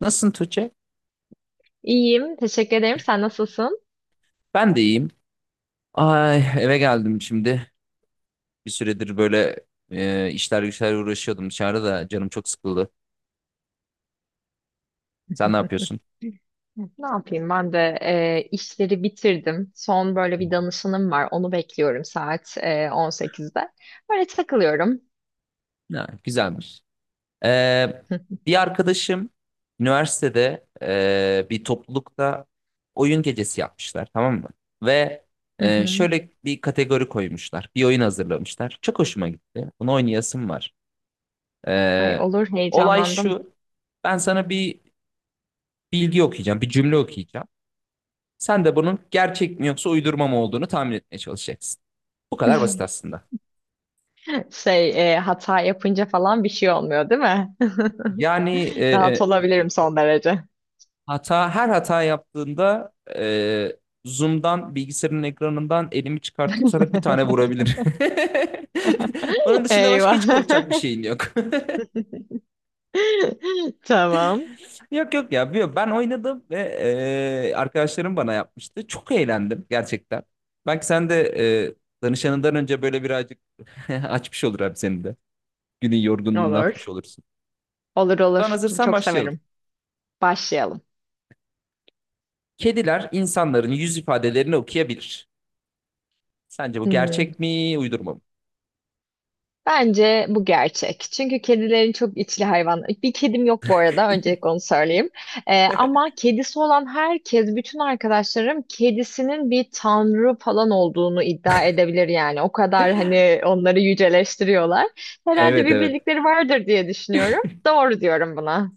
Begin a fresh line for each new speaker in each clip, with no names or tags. Nasılsın Tuğçe?
İyiyim, teşekkür ederim. Sen nasılsın?
Ben de iyiyim. Ay eve geldim şimdi. Bir süredir böyle işler güçler uğraşıyordum, dışarıda da canım çok sıkıldı. Sen ne yapıyorsun?
Ne yapayım? Ben de işleri bitirdim. Son böyle bir danışanım var. Onu bekliyorum saat 18'de. Böyle takılıyorum.
Ha, güzelmiş. Ee, bir arkadaşım üniversitede bir toplulukta oyun gecesi yapmışlar, tamam mı? Ve şöyle bir kategori koymuşlar. Bir oyun hazırlamışlar. Çok hoşuma gitti. Bunu oynayasım var.
Ay
Ee,
olur
olay
heyecanlandım.
şu. Ben sana bir bilgi okuyacağım. Bir cümle okuyacağım. Sen de bunun gerçek mi yoksa uydurma mı olduğunu tahmin etmeye çalışacaksın. Bu kadar basit aslında.
Hata yapınca falan bir şey olmuyor değil mi?
Yani
Rahat olabilirim son derece.
her hata yaptığında Zoom'dan bilgisayarın ekranından elimi çıkartıp sana bir tane vurabilir. Onun dışında başka hiç korkacak bir
Eyvah.
şeyin yok.
Tamam.
Yok yok ya, ben oynadım ve arkadaşlarım bana yapmıştı. Çok eğlendim gerçekten. Belki sen de danışanından önce böyle birazcık açmış olur abi senin de. Günün yorgunluğunu atmış
Olur.
olursun.
Olur
Ben
olur.
hazırsan
Çok
başlayalım.
severim. Başlayalım.
Kediler insanların yüz ifadelerini okuyabilir. Sence bu
Hmm.
gerçek mi, uydurma mı?
Bence bu gerçek. Çünkü kedilerin çok içli hayvan. Bir kedim yok bu arada. Öncelikle onu söyleyeyim. Ama kedisi olan herkes, bütün arkadaşlarım kedisinin bir tanrı falan olduğunu iddia edebilir yani. O kadar hani onları yüceleştiriyorlar. Herhalde
Evet
bir
evet.
bildikleri vardır diye düşünüyorum. Doğru diyorum buna.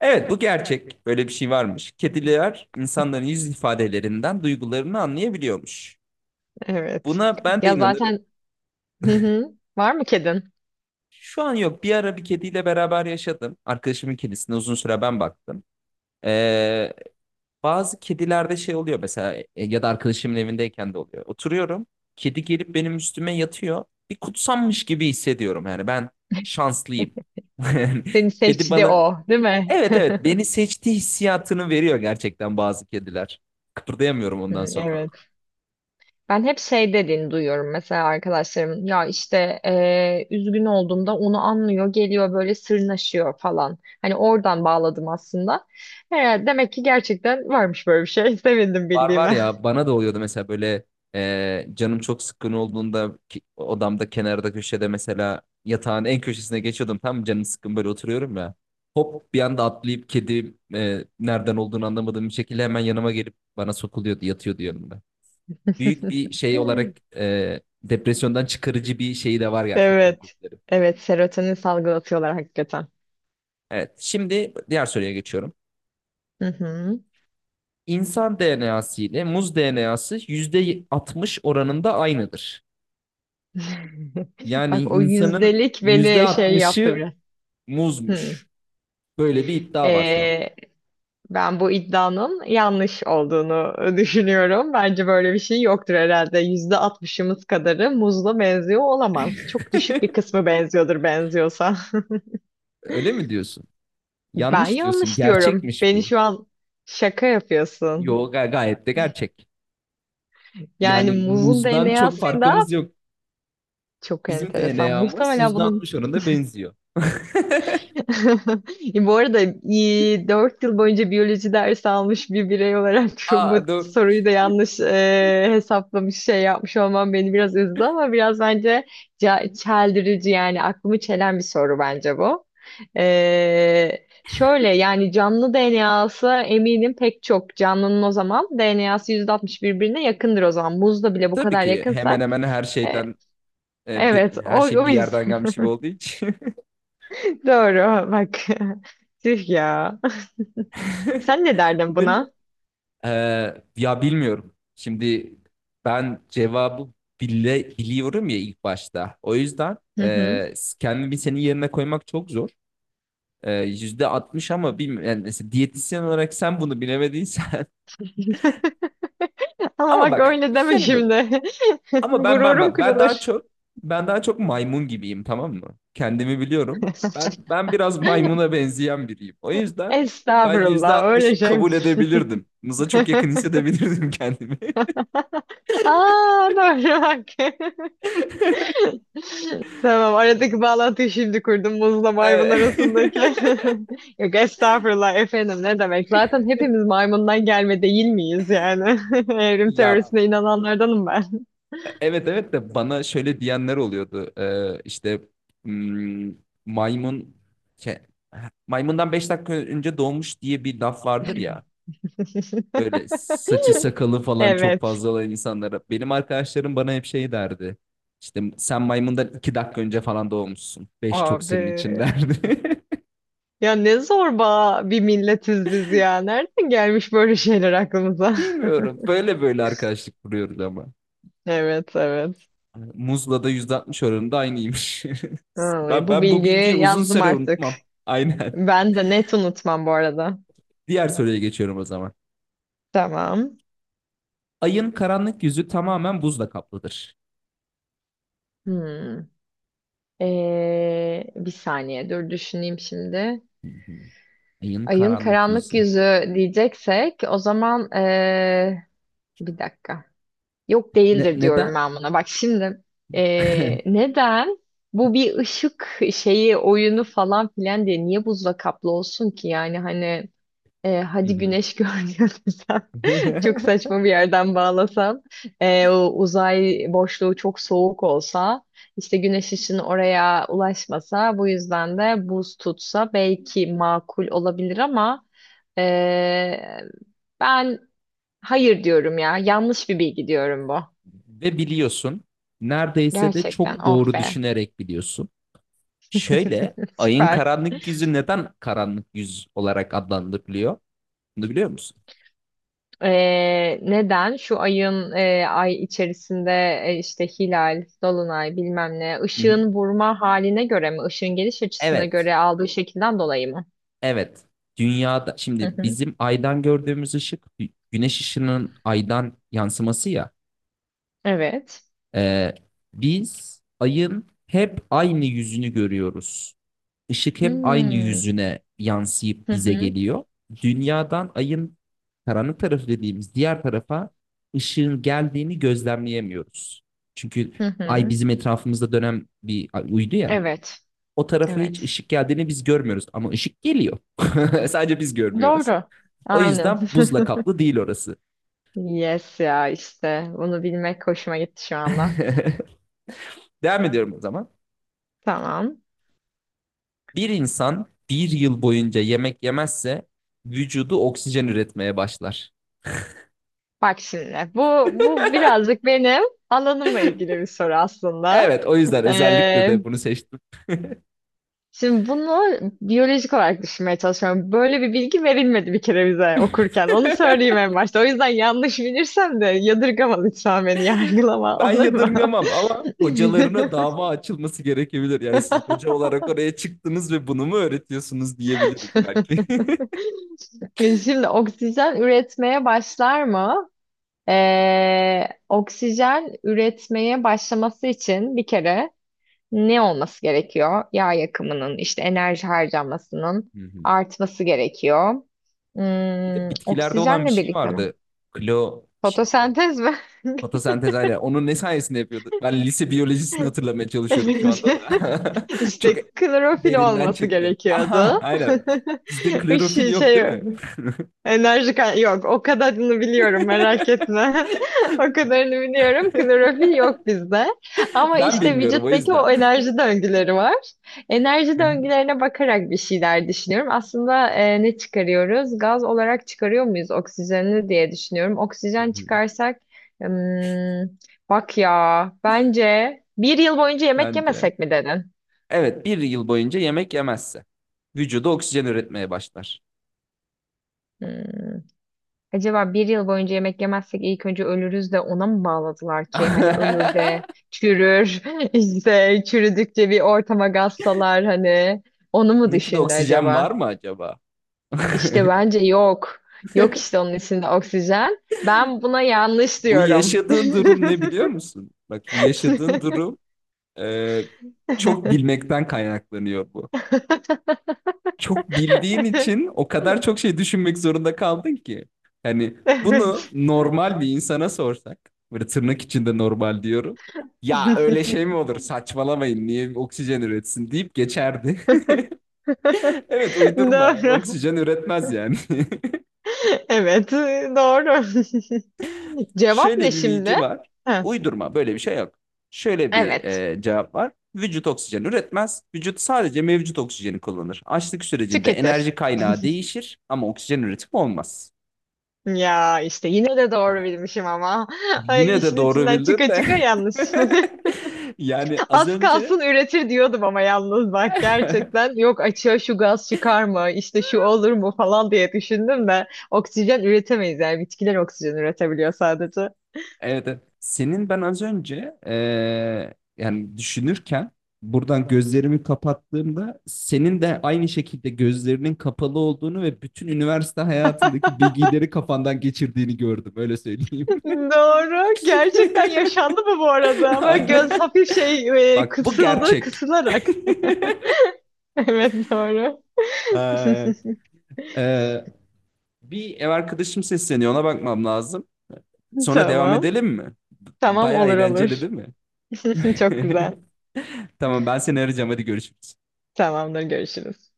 Evet, bu gerçek. Böyle bir şey varmış. Kediler insanların yüz ifadelerinden duygularını anlayabiliyormuş.
Evet.
Buna ben de
Ya
inanırım.
zaten hı hı. Var mı kedin?
Şu an yok. Bir ara bir kediyle beraber yaşadım. Arkadaşımın kedisine uzun süre ben baktım. Ee, Bazı kedilerde şey oluyor mesela, ya da arkadaşımın evindeyken de oluyor. Oturuyorum. Kedi gelip benim üstüme yatıyor. Bir kutsanmış gibi hissediyorum. Yani ben şanslıyım. Yani
Seni
kedi
seçti
bana,
o, değil mi?
evet evet, beni seçti hissiyatını veriyor gerçekten bazı kediler. Kıpırdayamıyorum ondan
Hı,
sonra.
evet. Ben hep şey dediğini duyuyorum mesela arkadaşlarım ya işte üzgün olduğumda onu anlıyor geliyor böyle sırnaşıyor falan. Hani oradan bağladım aslında. He, demek ki gerçekten varmış böyle bir şey. Sevindim
Var var
bildiğime.
ya, bana da oluyordu mesela böyle canım çok sıkkın olduğunda, odamda kenarda köşede mesela yatağın en köşesine geçiyordum, tam canım sıkkın böyle oturuyorum ya. Hop bir anda atlayıp kedi nereden olduğunu anlamadığım bir şekilde hemen yanıma gelip bana sokuluyordu, yatıyordu yanımda. Büyük bir şey olarak depresyondan çıkarıcı bir şeyi de var gerçekten
Evet.
kedilerin.
Evet, serotonin salgılatıyorlar hakikaten.
Evet, şimdi diğer soruya geçiyorum.
Hı hı.
İnsan DNA'sı ile muz DNA'sı %60 oranında aynıdır. Yani
Bak o
insanın
yüzdelik beni şey yaptı
%60'ı
biraz. Hı.
muzmuş. Böyle bir iddia var şu an.
Ee, ben bu iddianın yanlış olduğunu düşünüyorum. Bence böyle bir şey yoktur herhalde. %60'ımız kadarı muzla benziyor olamaz. Çok düşük bir kısmı benziyordur benziyorsa.
Öyle mi diyorsun?
Ben
Yanlış diyorsun.
yanlış diyorum.
Gerçekmiş
Beni
bu.
şu an şaka
Yo,
yapıyorsun.
gayet de gerçek.
Yani
Yani
muzun
muzdan çok
DNA'sıyla
farkımız yok.
çok
Bizim
enteresan.
DNA'mız
Muhtemelen bunun
%60 oranında benziyor.
bu arada 4 yıl boyunca biyoloji dersi almış bir birey olarak şu, bu
Aa, dur.
soruyu da yanlış hesaplamış şey yapmış olmam beni biraz üzdü, ama biraz bence çeldirici, yani aklımı çelen bir soru bence bu. Şöyle yani canlı DNA'sı, eminim pek çok canlının o zaman DNA'sı 60 birbirine yakındır o zaman. Muzla bile bu
Tabii
kadar
ki hemen
yakınsak
hemen her
e,
şeyden,
evet, o,
her şey
o
bir yerden
yüzden
gelmiş gibi olduğu için.
doğru bak, tüh ya. Sen ne derdin
Ben,
buna?
Ya bilmiyorum. Şimdi ben cevabı bile biliyorum ya ilk başta. O yüzden
Hı hı.
kendimi senin yerine koymak çok zor. E, yüzde %60 ama bilmiyorum. Yani mesela diyetisyen olarak sen bunu bilemediysen.
Ama
Ama
bak
bak
öyle
bir şey
deme
söyleyeyim mi?
şimdi.
Ama ben ben
Gururum
ben ben daha
kırılır.
çok ben daha çok maymun gibiyim, tamam mı? Kendimi biliyorum. Ben ben biraz maymuna benzeyen biriyim. O yüzden ben
Estağfurullah, öyle
%60'ı
şey mi?
kabul edebilirdim. Mıza çok yakın hissedebilirdim kendimi.
Aa, doğru bak. Tamam, aradaki bağlantıyı şimdi kurdum muzla maymun
Evet.
arasındaki. Yok estağfurullah efendim, ne demek. Zaten hepimiz maymundan gelme değil miyiz yani? Evrim
Ya
teorisine inananlardanım ben.
evet evet de bana şöyle diyenler oluyordu. İşte hmm, maymun ke- maymundan 5 dakika önce doğmuş diye bir laf vardır ya. Böyle saçı sakalı falan çok
Evet.
fazla olan insanlara. Benim arkadaşlarım bana hep şey derdi. İşte sen maymundan 2 dakika önce falan doğmuşsun. Beş çok senin
Abi.
için derdi.
Ya ne zorba bir milletiz biz ya. Nereden gelmiş böyle şeyler aklımıza?
Bilmiyorum. Böyle böyle arkadaşlık kuruyoruz ama.
Evet, evet.
Muzla da %60 oranında aynıymış. Ben,
Ay, bu
ben bu bilgiyi
bilgiyi
uzun
yazdım
süre
artık.
unutmam. Aynen.
Ben de net unutmam bu arada.
Diğer soruya geçiyorum o zaman.
Tamam.
Ayın karanlık yüzü tamamen buzla kaplıdır.
Hmm. Bir saniye dur düşüneyim şimdi.
Hı hı. Ayın
Ayın
karanlık
karanlık
yüzü.
yüzü diyeceksek o zaman bir dakika. Yok değildir diyorum
Neden?
ben buna. Bak şimdi, neden bu bir ışık şeyi oyunu falan filan diye niye buzla kaplı olsun ki? Yani hani
Hı
hadi
hı.
güneş görünüyor desem, çok saçma bir yerden bağlasam, o uzay boşluğu çok soğuk olsa, işte güneş ışını oraya ulaşmasa, bu yüzden de buz tutsa belki makul olabilir ama eee, ben hayır diyorum ya, yanlış bir bilgi diyorum bu.
Ve biliyorsun, neredeyse de
Gerçekten
çok
oh
doğru
be.
düşünerek biliyorsun. Şöyle, ayın
Süper.
karanlık yüzü neden karanlık yüz olarak adlandırılıyor? Bunu biliyor musun?
Neden? Şu ayın ay içerisinde işte hilal, dolunay bilmem ne
Hı hı.
ışığın vurma haline göre mi? Işığın geliş açısına
Evet.
göre aldığı şekilden dolayı mı?
Evet. Dünyada
Hı
şimdi
hı.
bizim aydan gördüğümüz ışık, güneş ışının aydan yansıması ya.
Evet.
Ee, biz ayın hep aynı yüzünü görüyoruz. Işık hep aynı
Hmm.
yüzüne yansıyıp
Hı
bize
hı.
geliyor. Dünyadan ayın karanlık tarafı dediğimiz diğer tarafa ışığın geldiğini gözlemleyemiyoruz. Çünkü
Hı
ay
hı.
bizim etrafımızda dönen bir uydu ya.
Evet.
O tarafa hiç
Evet.
ışık geldiğini biz görmüyoruz ama ışık geliyor. Sadece biz görmüyoruz.
Doğru.
O
Aynen.
yüzden buzla kaplı değil orası.
Yes ya işte. Bunu bilmek hoşuma gitti şu anda.
Devam ediyorum o zaman.
Tamam.
Bir insan bir yıl boyunca yemek yemezse vücudu oksijen üretmeye başlar.
Bak şimdi, bu birazcık benim alanımla ilgili bir soru aslında.
Evet, o yüzden özellikle
Ee,
de bunu seçtim.
şimdi bunu biyolojik olarak düşünmeye çalışıyorum. Böyle bir bilgi verilmedi bir kere bize okurken. Onu söyleyeyim en başta. O yüzden yanlış bilirsem de yadırgama lütfen beni, yargılama,
Ben
olur mu?
yadırgamam ama hocalarına dava açılması gerekebilir. Yani siz hoca olarak oraya çıktınız ve bunu mu öğretiyorsunuz diyebiliriz belki.
Şimdi oksijen üretmeye başlar mı? Oksijen üretmeye başlaması için bir kere ne olması gerekiyor? Yağ yakımının, işte enerji harcamasının artması gerekiyor.
Bir de
Hmm,
bitkilerde olan bir
oksijenle
şey
birlikte mi?
vardı. Klo bir şey.
Fotosentez mi?
Fotosentez aynen. Onun ne sayesinde yapıyordu? Ben lise biyolojisini hatırlamaya çalışıyorum şu anda
Bence
da. Çok
işte klorofil
derinden
olması
çektim.
gerekiyordu.
Aha, aynen. Bizde klorofil
Işığı
yok, değil mi?
Enerji yok. O kadarını biliyorum merak etme. O kadarını biliyorum. Klorofil yok bizde. Ama
Ben
işte
bilmiyorum o
vücuttaki
yüzden.
o enerji döngüleri var. Enerji
Hı hı.
döngülerine bakarak bir şeyler düşünüyorum. Aslında ne çıkarıyoruz? Gaz olarak çıkarıyor muyuz oksijeni diye düşünüyorum.
Hı
Oksijen
hı.
çıkarsak hmm, bak ya, bence bir yıl boyunca yemek
Sence?
yemesek mi dedin?
Evet, bir yıl boyunca yemek yemezse vücuda oksijen üretmeye başlar.
Hmm. Acaba bir yıl boyunca yemek yemezsek ilk önce ölürüz de ona mı bağladılar ki? Hani ölür de çürür, işte çürüdükçe bir ortama gazsalar, hani onu mu
Bunun için
düşündü
oksijen var
acaba?
mı acaba?
İşte bence yok. Yok işte, onun içinde oksijen. Ben buna yanlış
Bu
diyorum.
yaşadığın durum ne biliyor musun? Bak, bu yaşadığın durum Ee, çok bilmekten kaynaklanıyor bu. Çok bildiğin için o kadar çok şey düşünmek zorunda kaldın ki. Hani bunu
Evet.
normal bir insana sorsak, böyle tırnak içinde normal diyorum. Ya öyle şey mi olur? Saçmalamayın. Niye oksijen üretsin deyip geçerdi. Evet, uydurma.
Doğru.
Oksijen üretmez yani.
Evet, doğru. Cevap
Şöyle
ne
bir
şimdi?
bilgi var.
He.
Uydurma, böyle bir şey yok. Şöyle bir
Evet.
cevap var. Vücut oksijen üretmez. Vücut sadece mevcut oksijeni kullanır. Açlık sürecinde
Tüketir.
enerji kaynağı değişir ama oksijen üretimi olmaz.
Ya işte yine de doğru bilmişim ama. Ay,
Yine de
işin
doğru
içinden
bildin
çıka
de.
çıka yanlış.
Yani az
Az
önce
kalsın üretir diyordum ama yalnız bak, gerçekten yok, açığa şu gaz çıkar mı, işte şu olur mu falan diye düşündüm de oksijen üretemeyiz yani, bitkiler oksijen üretebiliyor sadece.
evet, evet. Senin ben az önce yani düşünürken buradan gözlerimi kapattığımda senin de aynı şekilde gözlerinin kapalı olduğunu ve bütün üniversite hayatındaki bilgileri kafandan geçirdiğini gördüm. Öyle söyleyeyim.
Doğru. Gerçekten yaşandı mı bu arada? Böyle göz
Aynen.
hafif
Bak, bu
kısıldı
gerçek.
kısılarak. Evet, doğru.
Eee, eee, bir ev arkadaşım sesleniyor. Ona bakmam lazım. Sonra devam
Tamam.
edelim mi?
Tamam,
Bayağı
olur
eğlenceli
olur.
değil mi?
Çok güzel.
Tamam, ben seni arayacağım. Hadi görüşürüz.
Tamamdır, görüşürüz.